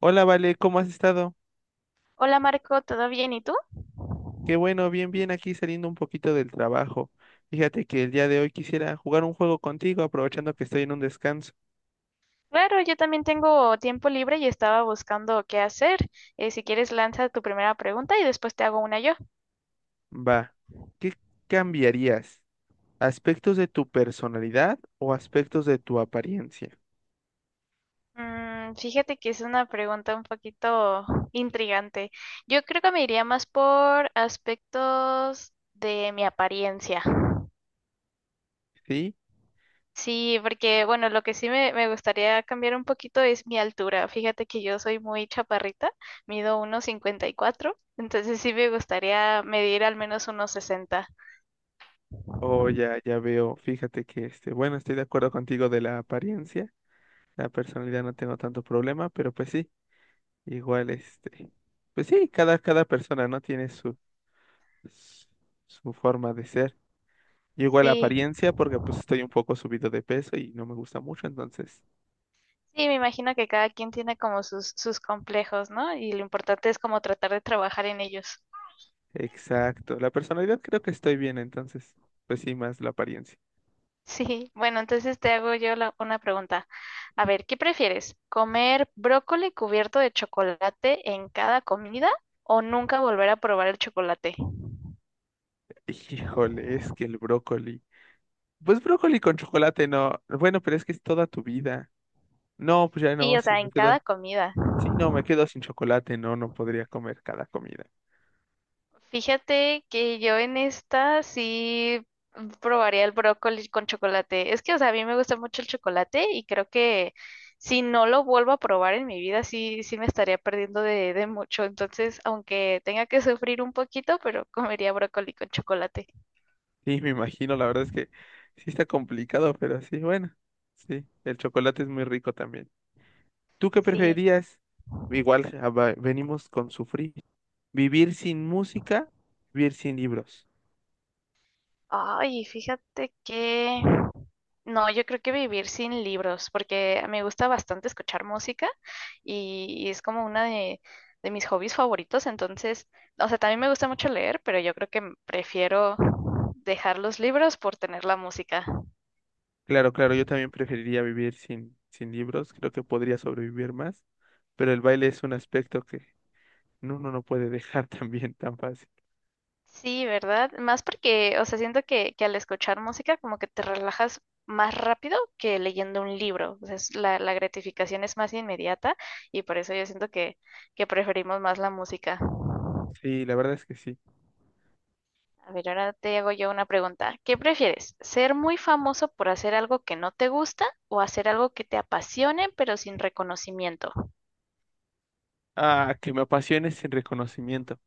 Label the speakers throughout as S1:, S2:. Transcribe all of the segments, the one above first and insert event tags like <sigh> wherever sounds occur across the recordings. S1: Hola, Vale, ¿cómo has estado?
S2: Hola Marco, ¿todo bien? ¿Y tú?
S1: Qué bueno, bien, bien, aquí saliendo un poquito del trabajo. Fíjate que el día de hoy quisiera jugar un juego contigo, aprovechando que estoy en un descanso.
S2: Claro, yo también tengo tiempo libre y estaba buscando qué hacer. Si quieres, lanza tu primera pregunta y después te hago una yo.
S1: Va, ¿qué cambiarías? ¿Aspectos de tu personalidad o aspectos de tu apariencia?
S2: Fíjate que es una pregunta un poquito intrigante. Yo creo que me iría más por aspectos de mi apariencia.
S1: ¿Sí?
S2: Sí, porque bueno, lo que sí me gustaría cambiar un poquito es mi altura. Fíjate que yo soy muy chaparrita, mido 1,54, entonces sí me gustaría medir al menos 1,60.
S1: Oh ya, ya veo, fíjate que este, bueno, estoy de acuerdo contigo de la apariencia. La personalidad no tengo tanto problema, pero pues sí, igual este, pues sí, cada persona no tiene su, su su forma de ser. Igual la
S2: Sí,
S1: apariencia porque pues estoy un poco subido de peso y no me gusta mucho, entonces.
S2: sí, me imagino que cada quien tiene como sus complejos, ¿no? Y lo importante es como tratar de trabajar en ellos. <laughs>
S1: Exacto. La personalidad creo que estoy bien, entonces. Pues sí, más la apariencia.
S2: Sí, bueno, entonces te hago yo una pregunta. A ver, ¿qué prefieres? ¿Comer brócoli cubierto de chocolate en cada comida o nunca volver a probar el chocolate?
S1: Híjole, es que el brócoli. Pues brócoli con chocolate no. Bueno, pero es que es toda tu vida. No, pues ya
S2: Sí,
S1: no,
S2: o
S1: sí,
S2: sea,
S1: me
S2: en
S1: quedo.
S2: cada comida.
S1: Sí, no, me quedo sin chocolate, no, no podría comer cada comida.
S2: Fíjate que yo en esta sí probaría el brócoli con chocolate. Es que, o sea, a mí me gusta mucho el chocolate y creo que si no lo vuelvo a probar en mi vida, sí, sí me estaría perdiendo de mucho. Entonces, aunque tenga que sufrir un poquito, pero <laughs> comería brócoli con chocolate.
S1: Sí, me imagino, la verdad es que sí está complicado, pero sí, bueno, sí, el chocolate es muy rico también. ¿Tú qué
S2: Sí.
S1: preferirías? Igual ah, venimos con sufrir. ¿Vivir sin música? ¿Vivir sin libros?
S2: Ay, fíjate que… No, yo creo que vivir sin libros, porque me gusta bastante escuchar música y es como una de mis hobbies favoritos. Entonces, o sea, también me gusta mucho leer, pero yo creo que prefiero dejar los libros por tener la música.
S1: Claro, claro, yo también preferiría vivir sin libros, creo que podría sobrevivir más, pero el baile es un aspecto que uno no puede dejar <laughs> también tan fácil.
S2: Sí, ¿verdad? Más porque, o sea, siento que al escuchar música como que te relajas más rápido que leyendo un libro. O sea, la gratificación es más inmediata y por eso yo siento que preferimos más la música.
S1: Sí, la verdad es que sí.
S2: A ver, ahora te hago yo una pregunta. ¿Qué prefieres? ¿Ser muy famoso por hacer algo que no te gusta o hacer algo que te apasione pero sin reconocimiento?
S1: Ah, que me apasiones sin reconocimiento.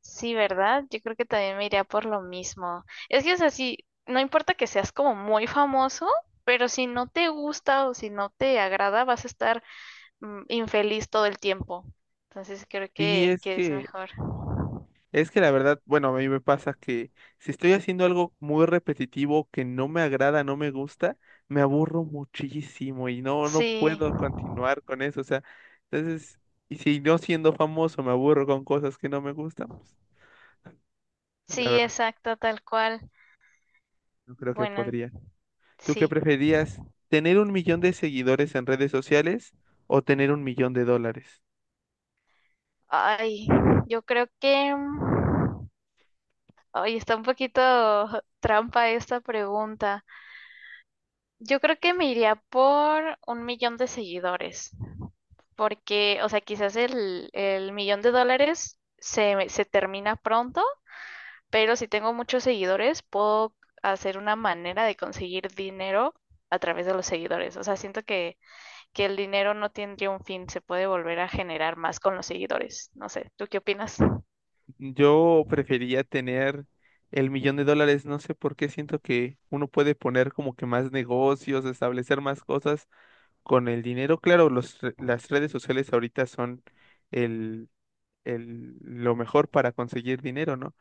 S2: Sí, ¿verdad? Yo creo que también me iría por lo mismo. Es que es así, no importa que seas como muy famoso, pero si no te gusta o si no te agrada, vas a estar infeliz todo el tiempo. Entonces creo
S1: Sí,
S2: que es mejor.
S1: es que la verdad, bueno, a mí me pasa que si estoy haciendo algo muy repetitivo que no me agrada, no me gusta, me aburro muchísimo y no, no
S2: Sí,
S1: puedo continuar con eso. O sea, entonces, y si no siendo famoso me aburro con cosas que no me gustan, pues la
S2: sí,
S1: verdad,
S2: exacto, tal cual.
S1: no creo que
S2: Bueno,
S1: podría. ¿Tú qué
S2: sí.
S1: preferías? ¿Tener un millón de seguidores en redes sociales o tener un millón de dólares?
S2: Ay, yo creo que… Ay, está un poquito <laughs> trampa esta pregunta. Yo creo que me iría por un millón de seguidores, porque, o sea, quizás el millón de dólares se termina pronto, pero si tengo muchos seguidores, puedo hacer una manera de conseguir dinero a través de los seguidores. O sea, siento que el dinero no tendría un fin, se puede volver a generar más con los seguidores. No sé, ¿tú qué opinas?
S1: Yo prefería tener el millón de dólares, no sé por qué siento que uno puede poner como que más negocios, establecer más cosas con el dinero. Claro, los, las redes sociales ahorita son el, el, lo mejor para conseguir dinero, ¿no?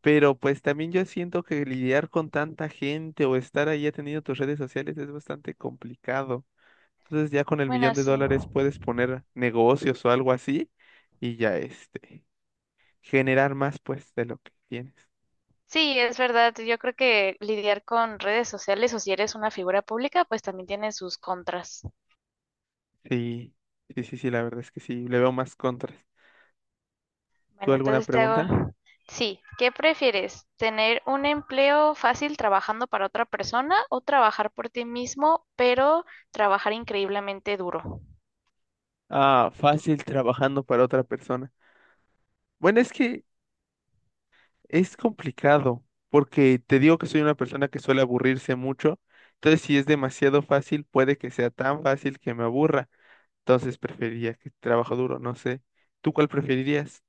S1: Pero pues también yo siento que lidiar con tanta gente o estar ahí atendiendo tus redes sociales es bastante complicado. Entonces ya con el
S2: Bueno,
S1: millón de
S2: sí.
S1: dólares puedes poner negocios o algo así y ya este generar más, pues, de lo que tienes.
S2: Sí, es verdad. Yo creo que lidiar con redes sociales o si eres una figura pública, pues también tiene sus contras.
S1: Sí, sí, sí, sí, la verdad es que sí, le veo más contras. ¿Tú
S2: Bueno,
S1: alguna
S2: entonces te
S1: pregunta?
S2: hago… Sí, ¿qué prefieres? ¿Tener un empleo fácil trabajando para otra persona o trabajar por ti mismo, pero trabajar increíblemente duro?
S1: Ah, fácil trabajando para otra persona. Bueno, es que es complicado, porque te digo que soy una persona que suele aburrirse mucho, entonces si es demasiado fácil, puede que sea tan fácil que me aburra, entonces preferiría que trabajo duro, no sé. ¿Tú cuál preferirías?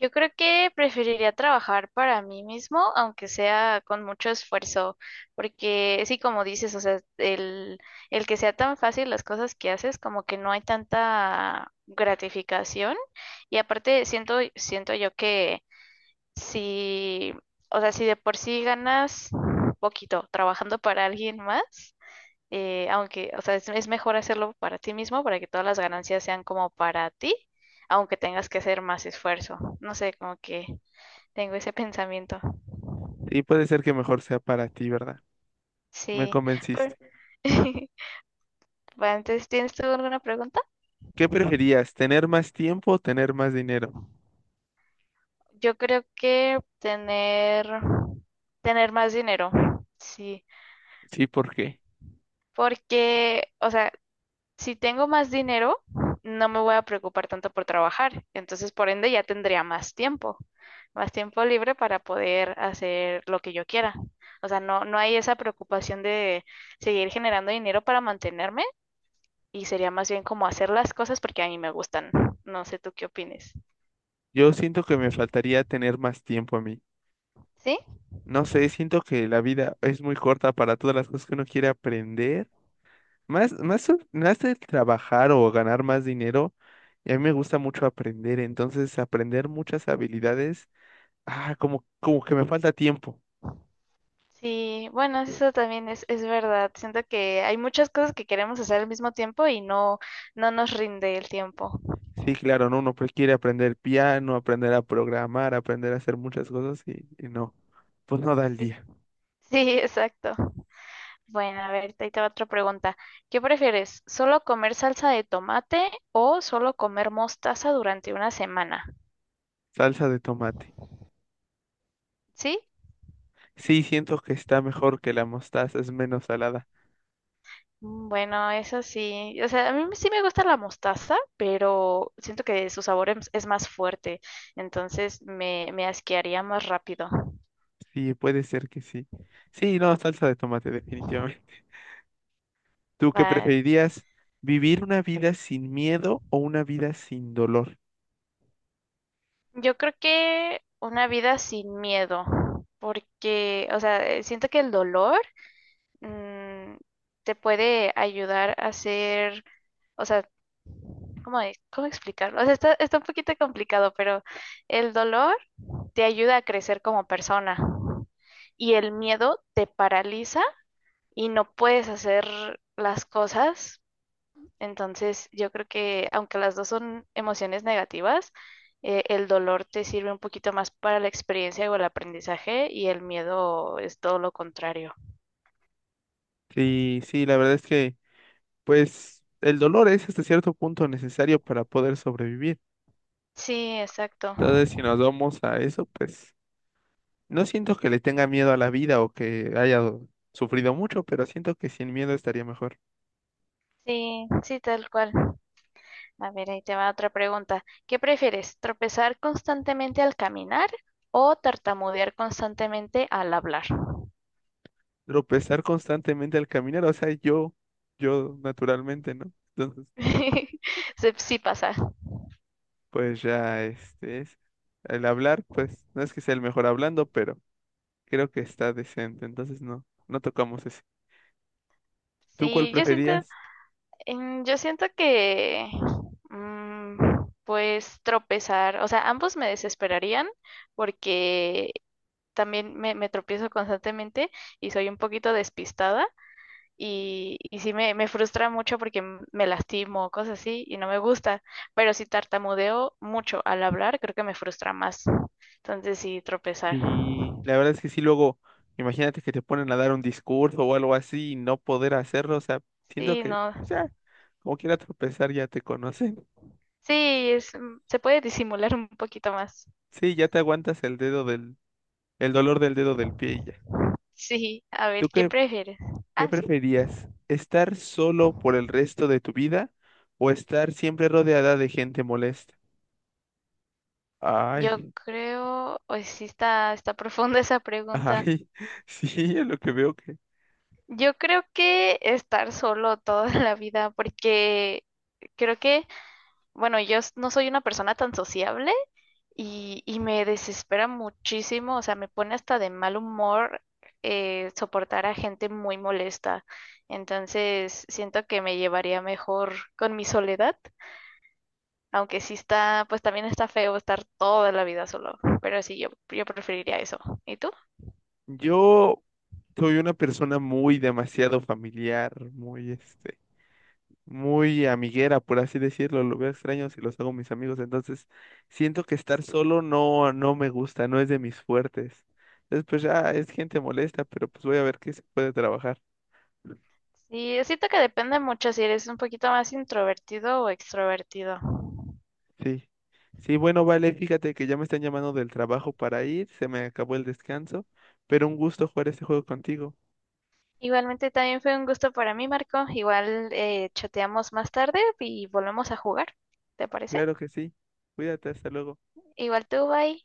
S2: Yo creo que preferiría trabajar para mí mismo, aunque sea con mucho esfuerzo, porque sí, como dices, o sea, el que sea tan fácil las cosas que haces, como que no hay tanta gratificación. Y aparte, siento yo que si, o sea, si de por sí ganas poquito trabajando para alguien más, aunque, o sea, es mejor hacerlo para ti mismo para que todas las ganancias sean como para ti, aunque tengas que hacer más esfuerzo. No sé, como que tengo ese <laughs> pensamiento.
S1: Y puede ser que mejor sea para ti, ¿verdad? Me
S2: Sí, pero…
S1: convenciste.
S2: <laughs> Bueno, entonces, ¿tienes tú alguna pregunta?
S1: ¿Qué preferías? ¿Tener más tiempo o tener más dinero?
S2: Yo creo que tener más dinero, sí,
S1: Sí, ¿por qué?
S2: porque, o sea, si tengo más dinero, no me voy a preocupar tanto por trabajar. Entonces, por ende, ya tendría más tiempo libre para poder hacer lo que yo quiera. O sea, no hay esa preocupación de seguir generando dinero para mantenerme y sería más bien como hacer las cosas porque a mí me gustan. No sé tú qué opines.
S1: Yo siento que me faltaría tener más tiempo a mí.
S2: ¿Sí?
S1: No sé, siento que la vida es muy corta para todas las cosas que uno quiere aprender. Más, más, más de trabajar o ganar más dinero. Y a mí me gusta mucho aprender. Entonces, aprender muchas habilidades. Ah, como, como que me falta tiempo.
S2: Sí, bueno, eso también es verdad. Siento que hay muchas cosas que queremos hacer al mismo tiempo y no nos rinde el tiempo.
S1: Sí, claro, ¿no? Uno pues quiere aprender piano, aprender a programar, aprender a hacer muchas cosas y no. Pues no da el
S2: Sí, sí,
S1: día.
S2: <laughs> exacto. Bueno, a ver, ahí te va otra pregunta. ¿Qué prefieres? ¿Solo comer salsa de tomate o solo comer mostaza durante una semana?
S1: Salsa de tomate.
S2: ¿Sí?
S1: Sí, siento que está mejor que la mostaza, es menos salada.
S2: Bueno, eso sí. O sea, a mí sí me gusta la mostaza, pero siento que su sabor es más fuerte, entonces me asquearía más rápido.
S1: Sí, puede ser que sí. Sí, no, salsa de tomate, definitivamente. <laughs> ¿Tú qué
S2: Va.
S1: preferirías? ¿Vivir una vida sin miedo o una vida sin dolor?
S2: Yo creo que una vida sin miedo, porque, o sea, siento que el dolor mm, te puede ayudar a ser… O sea, ¿cómo es? ¿Cómo explicarlo? O sea, está un poquito complicado, pero el dolor te ayuda a crecer como persona y el miedo te paraliza y no puedes hacer las cosas. Entonces, yo creo que aunque las dos son emociones negativas, el dolor te sirve un poquito más para la experiencia o el aprendizaje y el miedo es todo lo contrario.
S1: Sí, sí, la verdad es que, pues, el dolor es hasta cierto punto necesario para poder sobrevivir.
S2: Sí, exacto.
S1: Entonces, si nos vamos a eso, pues, no siento que le tenga miedo a la vida o que haya sufrido mucho, pero siento que sin miedo estaría mejor.
S2: Sí, sí, tal cual. A ver, ahí te va otra pregunta. ¿Qué prefieres, tropezar constantemente al caminar o tartamudear constantemente al hablar?
S1: Tropezar constantemente al caminar, o sea, yo naturalmente, ¿no? Entonces,
S2: <laughs> Sí, pasa.
S1: pues ya, este es el hablar, pues no es que sea el mejor hablando, pero creo que está decente, entonces no, no tocamos ese. ¿Tú cuál
S2: Sí,
S1: preferías?
S2: yo siento que, mm, pues tropezar, o sea, ambos me desesperarían porque también me tropiezo constantemente y soy un poquito despistada. Y sí me frustra mucho porque me lastimo, cosas así, y no me gusta. Pero si tartamudeo mucho al hablar, creo que me frustra más. Entonces sí, tropezar.
S1: Sí, la verdad es que sí, luego, imagínate que te ponen a dar un discurso o algo así y no poder hacerlo, o sea, siento
S2: Sí,
S1: que
S2: no.
S1: pues ya, como quiera tropezar, ya te conocen. <laughs>
S2: Sí, es, se puede disimular un poquito más.
S1: Sí, ya te aguantas el dedo del, el dolor del dedo del pie y ya.
S2: Sí, a
S1: ¿Tú
S2: ver, ¿qué
S1: qué,
S2: prefieres?
S1: qué
S2: Ah, sí.
S1: preferías? ¿Estar solo por el resto de tu vida o estar siempre rodeada de gente molesta?
S2: Yo
S1: Ay.
S2: creo, hoy sí está profunda esa pregunta.
S1: Ay, <laughs> sí, es lo que veo que
S2: Yo creo que estar solo toda <laughs> la vida, porque creo que, bueno, no soy una persona tan sociable. Y me desespera muchísimo, o sea, me pone hasta de mal humor soportar a gente muy molesta. Entonces, siento que me llevaría mejor con mi soledad, aunque sí está, pues también está feo estar toda la vida solo, pero sí, yo preferiría eso. ¿Y tú?
S1: yo soy una persona muy demasiado familiar, muy este, muy amiguera, por así decirlo, lo veo extraño si los hago mis amigos, entonces siento que estar solo no, no me gusta, no es de mis fuertes. Entonces, pues ya es gente molesta, pero pues voy a ver qué se puede trabajar.
S2: Sí, siento que depende mucho si eres un poquito más introvertido o extrovertido.
S1: Sí. Sí, bueno, vale, fíjate que ya me están llamando del trabajo para ir, se me acabó el descanso, pero un gusto jugar este juego contigo.
S2: Igualmente también fue un gusto para mí, Marco. Igual chateamos más tarde y volvemos a jugar. ¿Te parece?
S1: Claro que sí. Cuídate, hasta luego.
S2: Igual tú, bye.